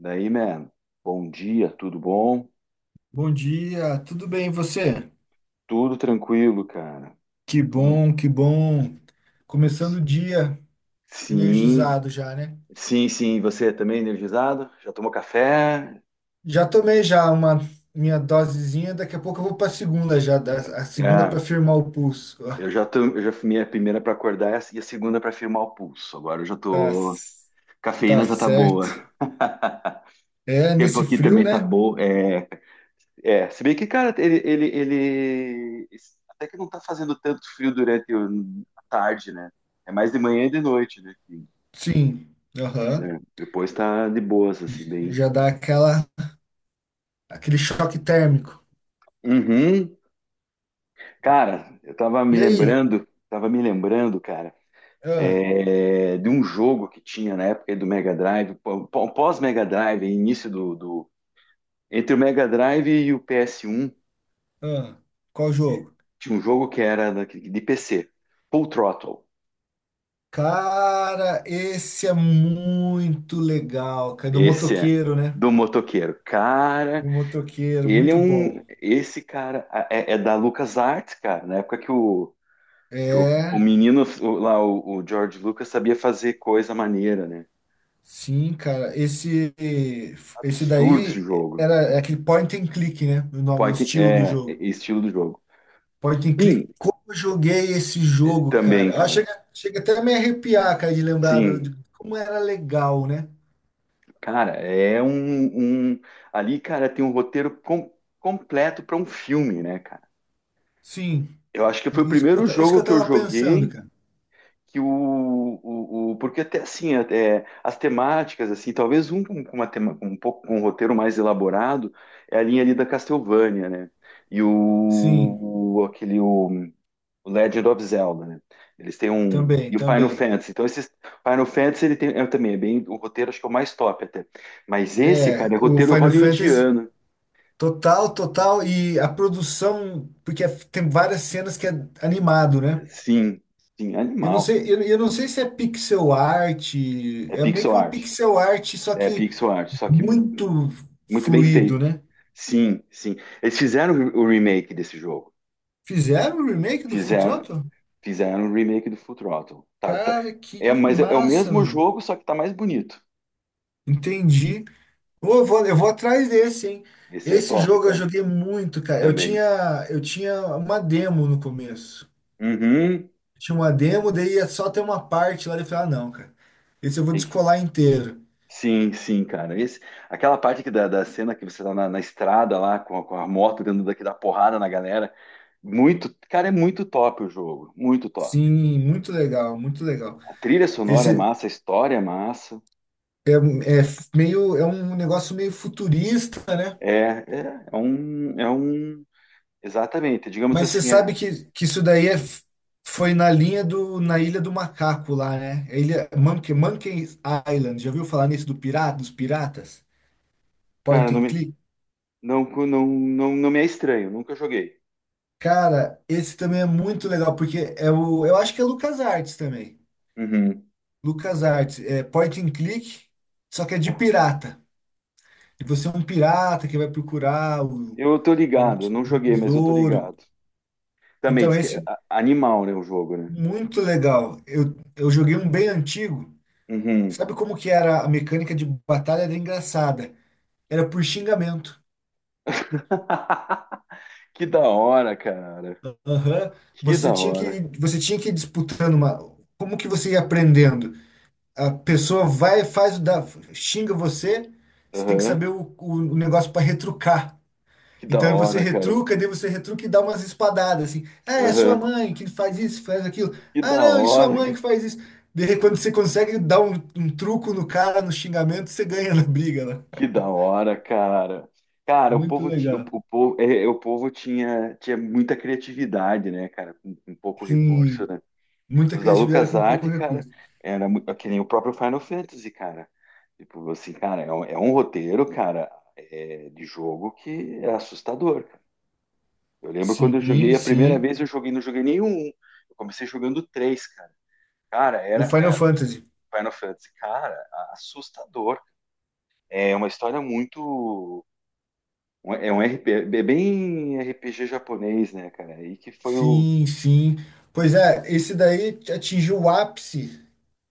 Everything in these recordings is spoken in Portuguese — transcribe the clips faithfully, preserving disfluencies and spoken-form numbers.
Daí, man, bom dia, tudo bom? Bom dia, tudo bem e você? Tudo tranquilo, cara. Que Tudo... bom, que bom. Começando o dia Sim, energizado já, né? sim, sim. Você também energizado? Já tomou café? Já tomei já uma minha dosezinha, daqui a pouco eu vou para a segunda já, da- a segunda para Ah, firmar o pulso. eu já tô, eu já fumei a primeira para acordar e a segunda para firmar o pulso. Agora eu já Tá, tô. tá Cafeína já tá certo. boa. O É, tempo nesse aqui frio, também tá né? bom. É, é. Se bem que, cara, ele, ele, ele até que não tá fazendo tanto frio durante o- a tarde, né? É mais de manhã e de noite, né? que, Sim. Aham. né, Depois tá de boas, assim, bem. Já dá aquela aquele choque térmico. Uhum. Cara, eu tava me E aí? lembrando, tava me lembrando, cara, Ah, é, de um jogo que tinha na época do Mega Drive, pô- pô- pós-Mega Drive, início do, do- entre o Mega Drive e o P S um, ah, qual jogo? tinha um jogo que era da- de P C, Full Throttle. Cara, esse é muito legal, cara, do Esse é motoqueiro, né? do motoqueiro. Cara, O motoqueiro, ele é muito bom. um. Esse cara é, é da LucasArts, cara, na época que o, que o, o menino o- lá, o, o George Lucas, sabia fazer coisa maneira, né? Sim, cara, esse esse Absurdo esse daí jogo. era é aquele point and click, né? O nome, o Point, estilo do é, é jogo. estilo do jogo. Point and Sim, click, como eu joguei esse jogo, também, cara. Ah, cara. chega, chega até a me arrepiar, cara, de lembrar do, Sim, de como era legal, né? cara, é um, um- ali, cara, tem um roteiro com- completo para um filme, né, cara? Sim, Eu acho que foi o isso que eu, primeiro ta- isso que jogo eu que eu tava pensando, joguei cara. que o, o, o- porque até assim, até as temáticas assim, talvez um com com uma tema, com um pouco com um roteiro mais elaborado é a linha ali da Castlevania, né? E Sim, o, o- aquele o o Legend of Zelda, né? Eles têm um. também, E o Final também. Fantasy. Então, esses. Final Fantasy ele tem é, também, é bem. O roteiro acho que é o mais top até. Mas esse, É, cara, é o roteiro Final Fantasy, hollywoodiano. total, total, e a produção, porque é, tem várias cenas que é animado, né? Sim, sim, Eu não animal. sei, eu, eu não sei se é pixel art, É é meio pixel que uma art. pixel art, só É que pixel art, só que muito muito bem fluido, feito. né? Sim, sim. Eles fizeram o remake desse jogo. Fizeram o remake do Full Fizeram, Throttle? fizeram o remake do Full Throttle. Tá, tá- Cara, É, que mas é, é o massa, mesmo velho. jogo, só que tá mais bonito. Entendi. Ô, Eu vou, eu vou atrás desse, hein? Esse é Esse top, jogo eu cara. joguei muito, cara. Eu Também. tinha, eu tinha uma demo no começo. Uhum. Tinha uma demo, daí ia só ter uma parte lá, e eu falei, ah, não, cara. Esse eu vou Tem que- descolar inteiro. Sim, sim, cara. Esse, aquela parte que da, da cena que você tá na, na estrada lá com a, com a moto dentro daqui da porrada na galera. Muito, cara, é muito top o jogo, muito top. Sim, muito legal, muito legal. A trilha sonora é Esse, massa, a história é massa. É, um- é f- meio, É um negócio meio futurista, né? É, é, é um, é um, exatamente. Digamos Mas você assim, é, sabe que, que isso daí é, f- foi na linha do, na Ilha do Macaco lá, né? A Ilha Monkey, Monkey Island. Já ouviu falar nisso do pirata, dos piratas? cara, Point não and me, click? não, não, não, não me é estranho. Nunca joguei. Cara, esse também é muito legal, porque é o, eu acho que é LucasArts também. Uhum. LucasArts, é point and click, só que é de pirata. E você é um pirata que vai procurar o, Eu tô um, ligado, eu t- não um joguei, mas eu tô tesouro. ligado. Também Então, diz que é esse a- animal, né, o jogo, né? Muito legal. Eu, eu joguei um bem antigo. Uhum. Sabe como que era a mecânica de batalha? Era engraçada. Era por xingamento. Que da hora, cara. Aham. Que da Você tinha hora. que, você tinha que ir disputando uma. Como que você ia aprendendo? A pessoa vai, faz, o da, xinga você. Você tem que Aham. saber o, o, o negócio para retrucar. Que da Então você hora, cara. retruca, daí você retruca e dá umas espadadas assim. Ah, é sua Aham. mãe que faz isso, faz aquilo. Que Ah, da não, e sua hora. mãe que ca- faz isso. Daí quando você consegue dar um, um truco no cara, no xingamento, você ganha na briga lá. Que da hora, cara. Cara, o Muito povo, ti- o, legal. o povo, é, é, o povo tinha, tinha muita criatividade, né, cara? Com, com pouco recurso, Sim, né? muita Os da criatividade com pouco LucasArts, cara, recurso. era mu- é que nem o próprio Final Fantasy, cara. Tipo, assim, cara, é um, é um roteiro, cara, é, de jogo que é assustador, cara. Eu lembro quando eu Sim, joguei a primeira sim. vez, eu joguei, não joguei nenhum. Eu comecei jogando três, cara. Cara, O era Final Fantasy. Final Fantasy. Cara, assustador. É uma história muito. um, É um R P G, é bem R P G japonês, né, cara? E que foi o. Sim, sim. Pois é, esse daí atingiu o ápice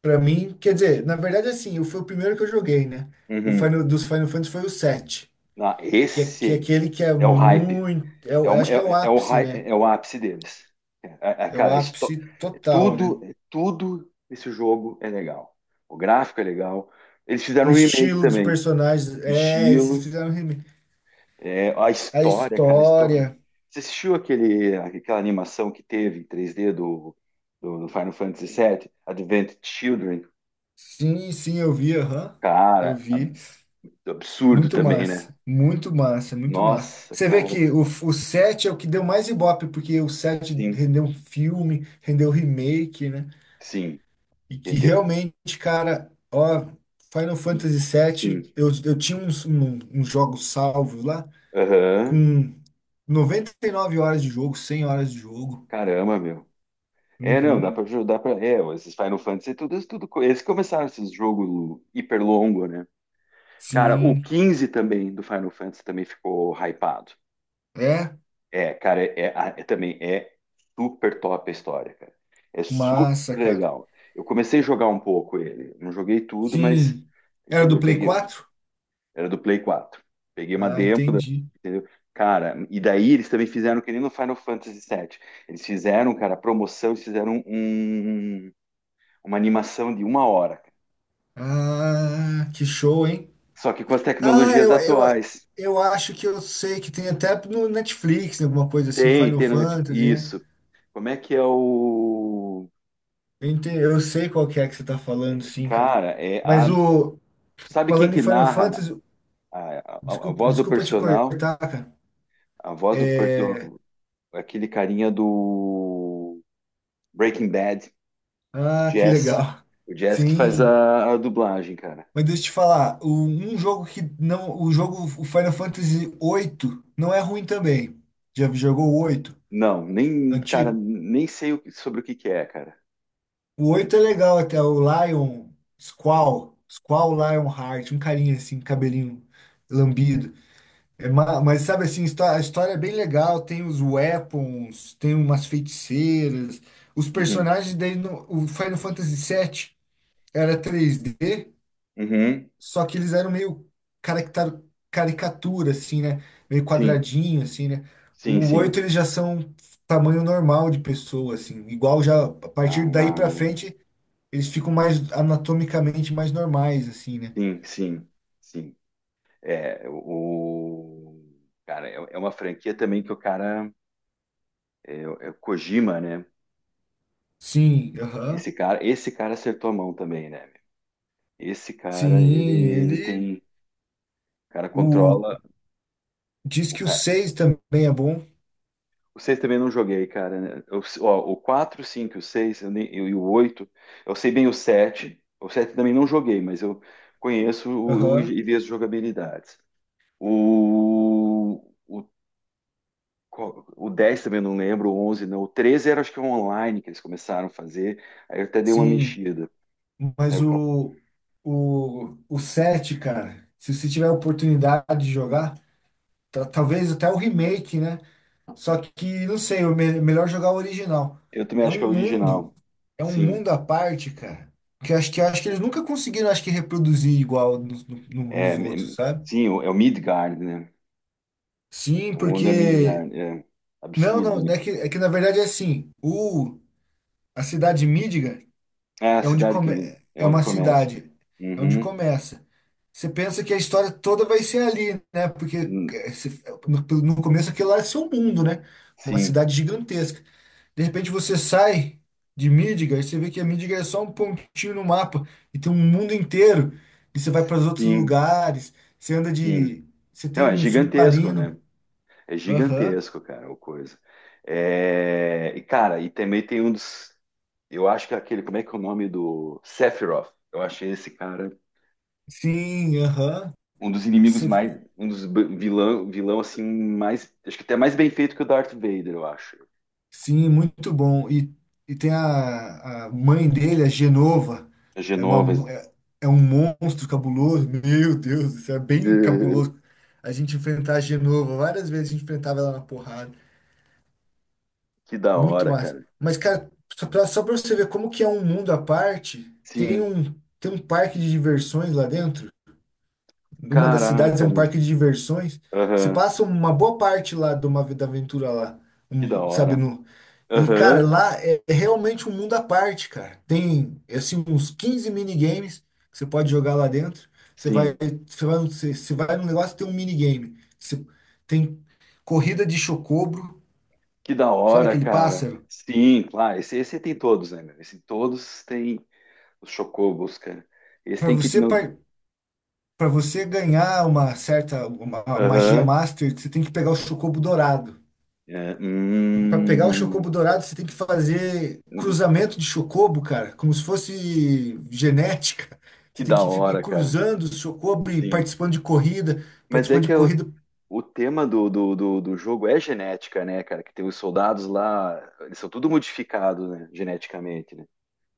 pra mim. Quer dizer, na verdade, assim, eu- foi o primeiro que eu joguei, né? O Uhum. Final, dos Final Fantasy foi o sete. Ah, que é, que é esse aquele que é é o hype. muito. É, É o- eu o, acho que é o é, é o, ápice, hy- né? é o ápice deles. É, é, É o cara, esto- ápice total, né? tudo, tudo esse jogo é legal. O gráfico é legal. Eles O fizeram um remake estilo dos também. personagens. O É, esses estilo. fizeram remi- É, a a história, cara, a história. história. Você assistiu aquele, aquela animação que teve em três d do, do, do Final Fantasy vii, Advent Children? Sim, sim, eu vi, aham. Eu Cara, vi. ab- absurdo Muito também, né? massa. Muito massa, muito massa. Nossa, Você vê cara, que o, o sete é o que deu mais ibope, porque o sete sim, rendeu um filme, rendeu remake, né? sim, E que entendeu? realmente, cara, ó, Final Fantasy Sim, sete, eu, eu tinha uns, um- uns jogos salvos lá, aham. com noventa e nove horas de jogo, cem horas de jogo. Caramba, meu. É, não, dá pra Uhum. ajudar pra. É, esses Final Fantasy, tudo, tudo. Co- Eles começaram esses jogos hiper longo, né? Cara, o Sim, quinze também do Final Fantasy também ficou hypado. é É, cara, é, é- ah, é também é super top a história, cara. É super massa, cara. legal. Eu comecei a jogar um pouco ele. Não joguei tudo, mas Sim, era do entendeu? Play Peguei. quatro, Era do Play quatro. Peguei uma Ah, demo, entendi. entendeu? Cara, e daí eles também fizeram que nem no Final Fantasy vii. Eles fizeram, cara, promoção, eles fizeram um- um, um, uma animação de uma hora. Ah, que show, hein? Só que com as Ah, tecnologias eu, eu, atuais. eu acho que eu sei que tem até no Netflix, né, alguma coisa assim, Tem, Final tem. Né, tipo, Fantasy, né? isso. Como é que é o. Eu, ente- eu sei qual que é que você tá falando, sim, cara. Cara, é Mas a. o, Sabe quem falando em que Final narra Fantasy, a, a, a desculpa, voz do desculpa te personal, cortar, cara. a voz do, per- do- aquele carinha do Breaking Bad, o Ah, que Jesse. legal. O Jesse que faz Sim. a, a dublagem, cara. Mas deixa eu te falar, o- um jogo que não, o jogo, o Final Fantasy oito não é ruim também. Já jogou o oito, Não, nem, cara, antigo? nem sei o que- sobre o que que é, cara. O oito é legal até, o Lion, Squall, Squall Lionheart, um carinha assim, cabelinho lambido. É, ma- mas sabe assim, histó- a história é bem legal, tem os weapons, tem umas feiticeiras, os Uhum, personagens daí no, o Final Fantasy sete era três D. uhum, Só que eles eram meio caractar- caricatura, assim, né? Meio sim, quadradinho, assim, né? sim, O sim. oito eles já são tamanho normal de pessoa, assim. Igual já, a Ah, partir daí pra frente, eles ficam mais anatomicamente mais normais, assim, né? sim, sim, sim. É, o... Cara, é é uma franquia também que o cara... É, é o Kojima, né? Sim, aham. Esse cara, esse cara acertou a mão também, né? Esse cara, ele, Sim, ele ele. tem. O cara O, controla. Diz O que o cara, seis também é bom. o seis também não joguei, cara. Né? O, ó, o quatro, o cinco, o seis eu nem- eu- e o oito. Eu sei bem o sete. O sete também não joguei, mas eu conheço o, o- Aham. e vi as jogabilidades. O, o, qual- o dez também eu não lembro, o onze não. O treze era acho que online que eles começaram a fazer. Aí eu até dei uma Sim. mexida. Aí Mas eu, o, o, o sete cara, se você tiver a oportunidade de jogar, ta- talvez até o remake, né? Só que, não sei, o melhor jogar o original. eu também É acho que é o um mundo, original. é um Sim. mundo à parte, cara. Que eu acho que, eu acho que eles nunca conseguiram, acho que, reproduzir igual nos, no- no- É, nos outros, é- sabe? sim, é o Midgard, né? Sim, Onda porque. Midgard, é Não, absurdo, não, né? é que, é que na verdade é assim: o, a cidade de Midgar Ah, a é onde cidade que come, Mid- é é onde uma começa. cidade, é onde Uhum. começa. Você pensa que a história toda vai ser ali, né? Porque Hum, eh, se- é, no, no começo aquilo lá é seu mundo, né? Uma sim, cidade gigantesca. De repente você sai de Midgard e você vê que a Midgard é só um pontinho no mapa e tem um mundo inteiro. E você vai para os outros sim, lugares, você anda sim. de. Você Não, tem é um gigantesco, submarino. né? É Aham. gigantesco, cara, o coisa. É, e, cara, e também tem um dos. Eu acho que é aquele. Como é que é o nome do. Sephiroth. Eu achei esse cara Sim, aham. um dos inimigos Você- mais. Um dos b- vilão, vilão assim, mais. Acho que até mais bem feito que o Darth Vader, eu acho. Sim, muito bom. E, e tem a, a mãe dele, a Genova. A É, Genovas. uma, é, é um monstro cabuloso. Meu Deus, isso é bem eh, cabuloso. A gente enfrentar a Genova, várias vezes a gente enfrentava ela na porrada. que da Muito hora, massa. cara. Mas, cara, só pra, só pra você ver como que é um mundo à parte, tem Sim. um, tem um parque de diversões lá dentro. Uma das cidades é Caraca, um mano. parque de diversões. Você Aham. passa uma boa parte lá de uma vida aventura lá, Que da um- sabe? hora. No, e, cara, Aham. lá é, é realmente um mundo à parte, cara. Tem, assim, uns quinze minigames que você pode jogar lá dentro. Você vai, Sim. você vai, no- você, você vai no negócio tem um minigame. Você, tem corrida de chocobro, Que da sabe hora, aquele cara. pássaro? Sim, claro. Esse, esse tem todos, né, meu? Esse todos tem os chocobos, cara. Esse Para tem que. você Não- par- Para você ganhar uma certa uma uma magia Aham. master, você tem que pegar o chocobo dourado. É, E para pegar o hum, chocobo dourado, você tem que fazer hum. cruzamento de chocobo, cara, como se fosse genética. Que Você tem da que fi- ir hora, cara. cruzando o chocobo e Sim. participando de corrida, Mas é participando de que o, corrida. o tema do, do, do, do jogo é genética, né, cara? Que tem os soldados lá. Eles são tudo modificados, né? Geneticamente, né?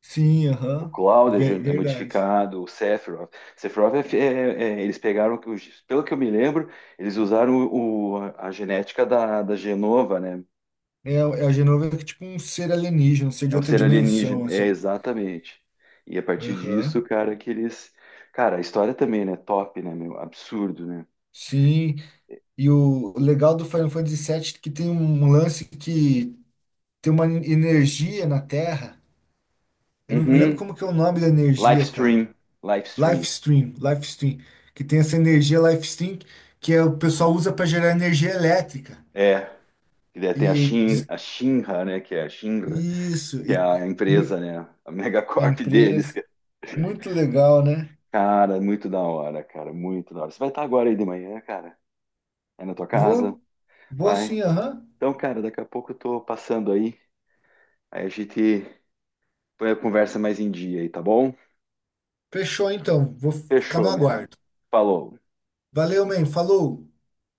Sim, O aham. Cloud é Ve- ju- é Verdade. modificado, o Sephiroth. Sephiroth é, fi- é- é- eles pegaram, que os- pelo que eu me lembro, eles usaram o, a a genética da, da Genova, né? É, é a Genova é tipo um ser alienígena, um ser É de um outra ser alienígena. dimensão, É, assim. exatamente. E a partir disso, Aham. cara, que eles. Cara, a história também, né? Top, né, meu? Absurdo, né? Sim. E o legal do Final Fantasy sete é que tem um lance que tem uma energia na Terra. Eu não me lembro Uhum. como que é o nome da energia, cara. Livestream. Livestream. Lifestream, Lifestream, que tem essa energia Lifestream que é, o pessoal usa para gerar energia elétrica. É. E daí E tem a Shin, diz- a Shinra, né? Que é a Shinra, isso, que é e a mu- empresa, né? A a megacorp deles. empresa, muito legal, né? Cara, muito da hora, cara, muito da hora. Você vai estar agora aí de manhã, cara? É na tua casa? Vou, vou Vai. sim, aham. Então, cara, daqui a pouco eu tô passando aí. Aí a gente põe a conversa mais em dia aí, tá bom? Fechou então, vou ficar no Fechou, mano. aguardo. Falou. Valeu, man, falou.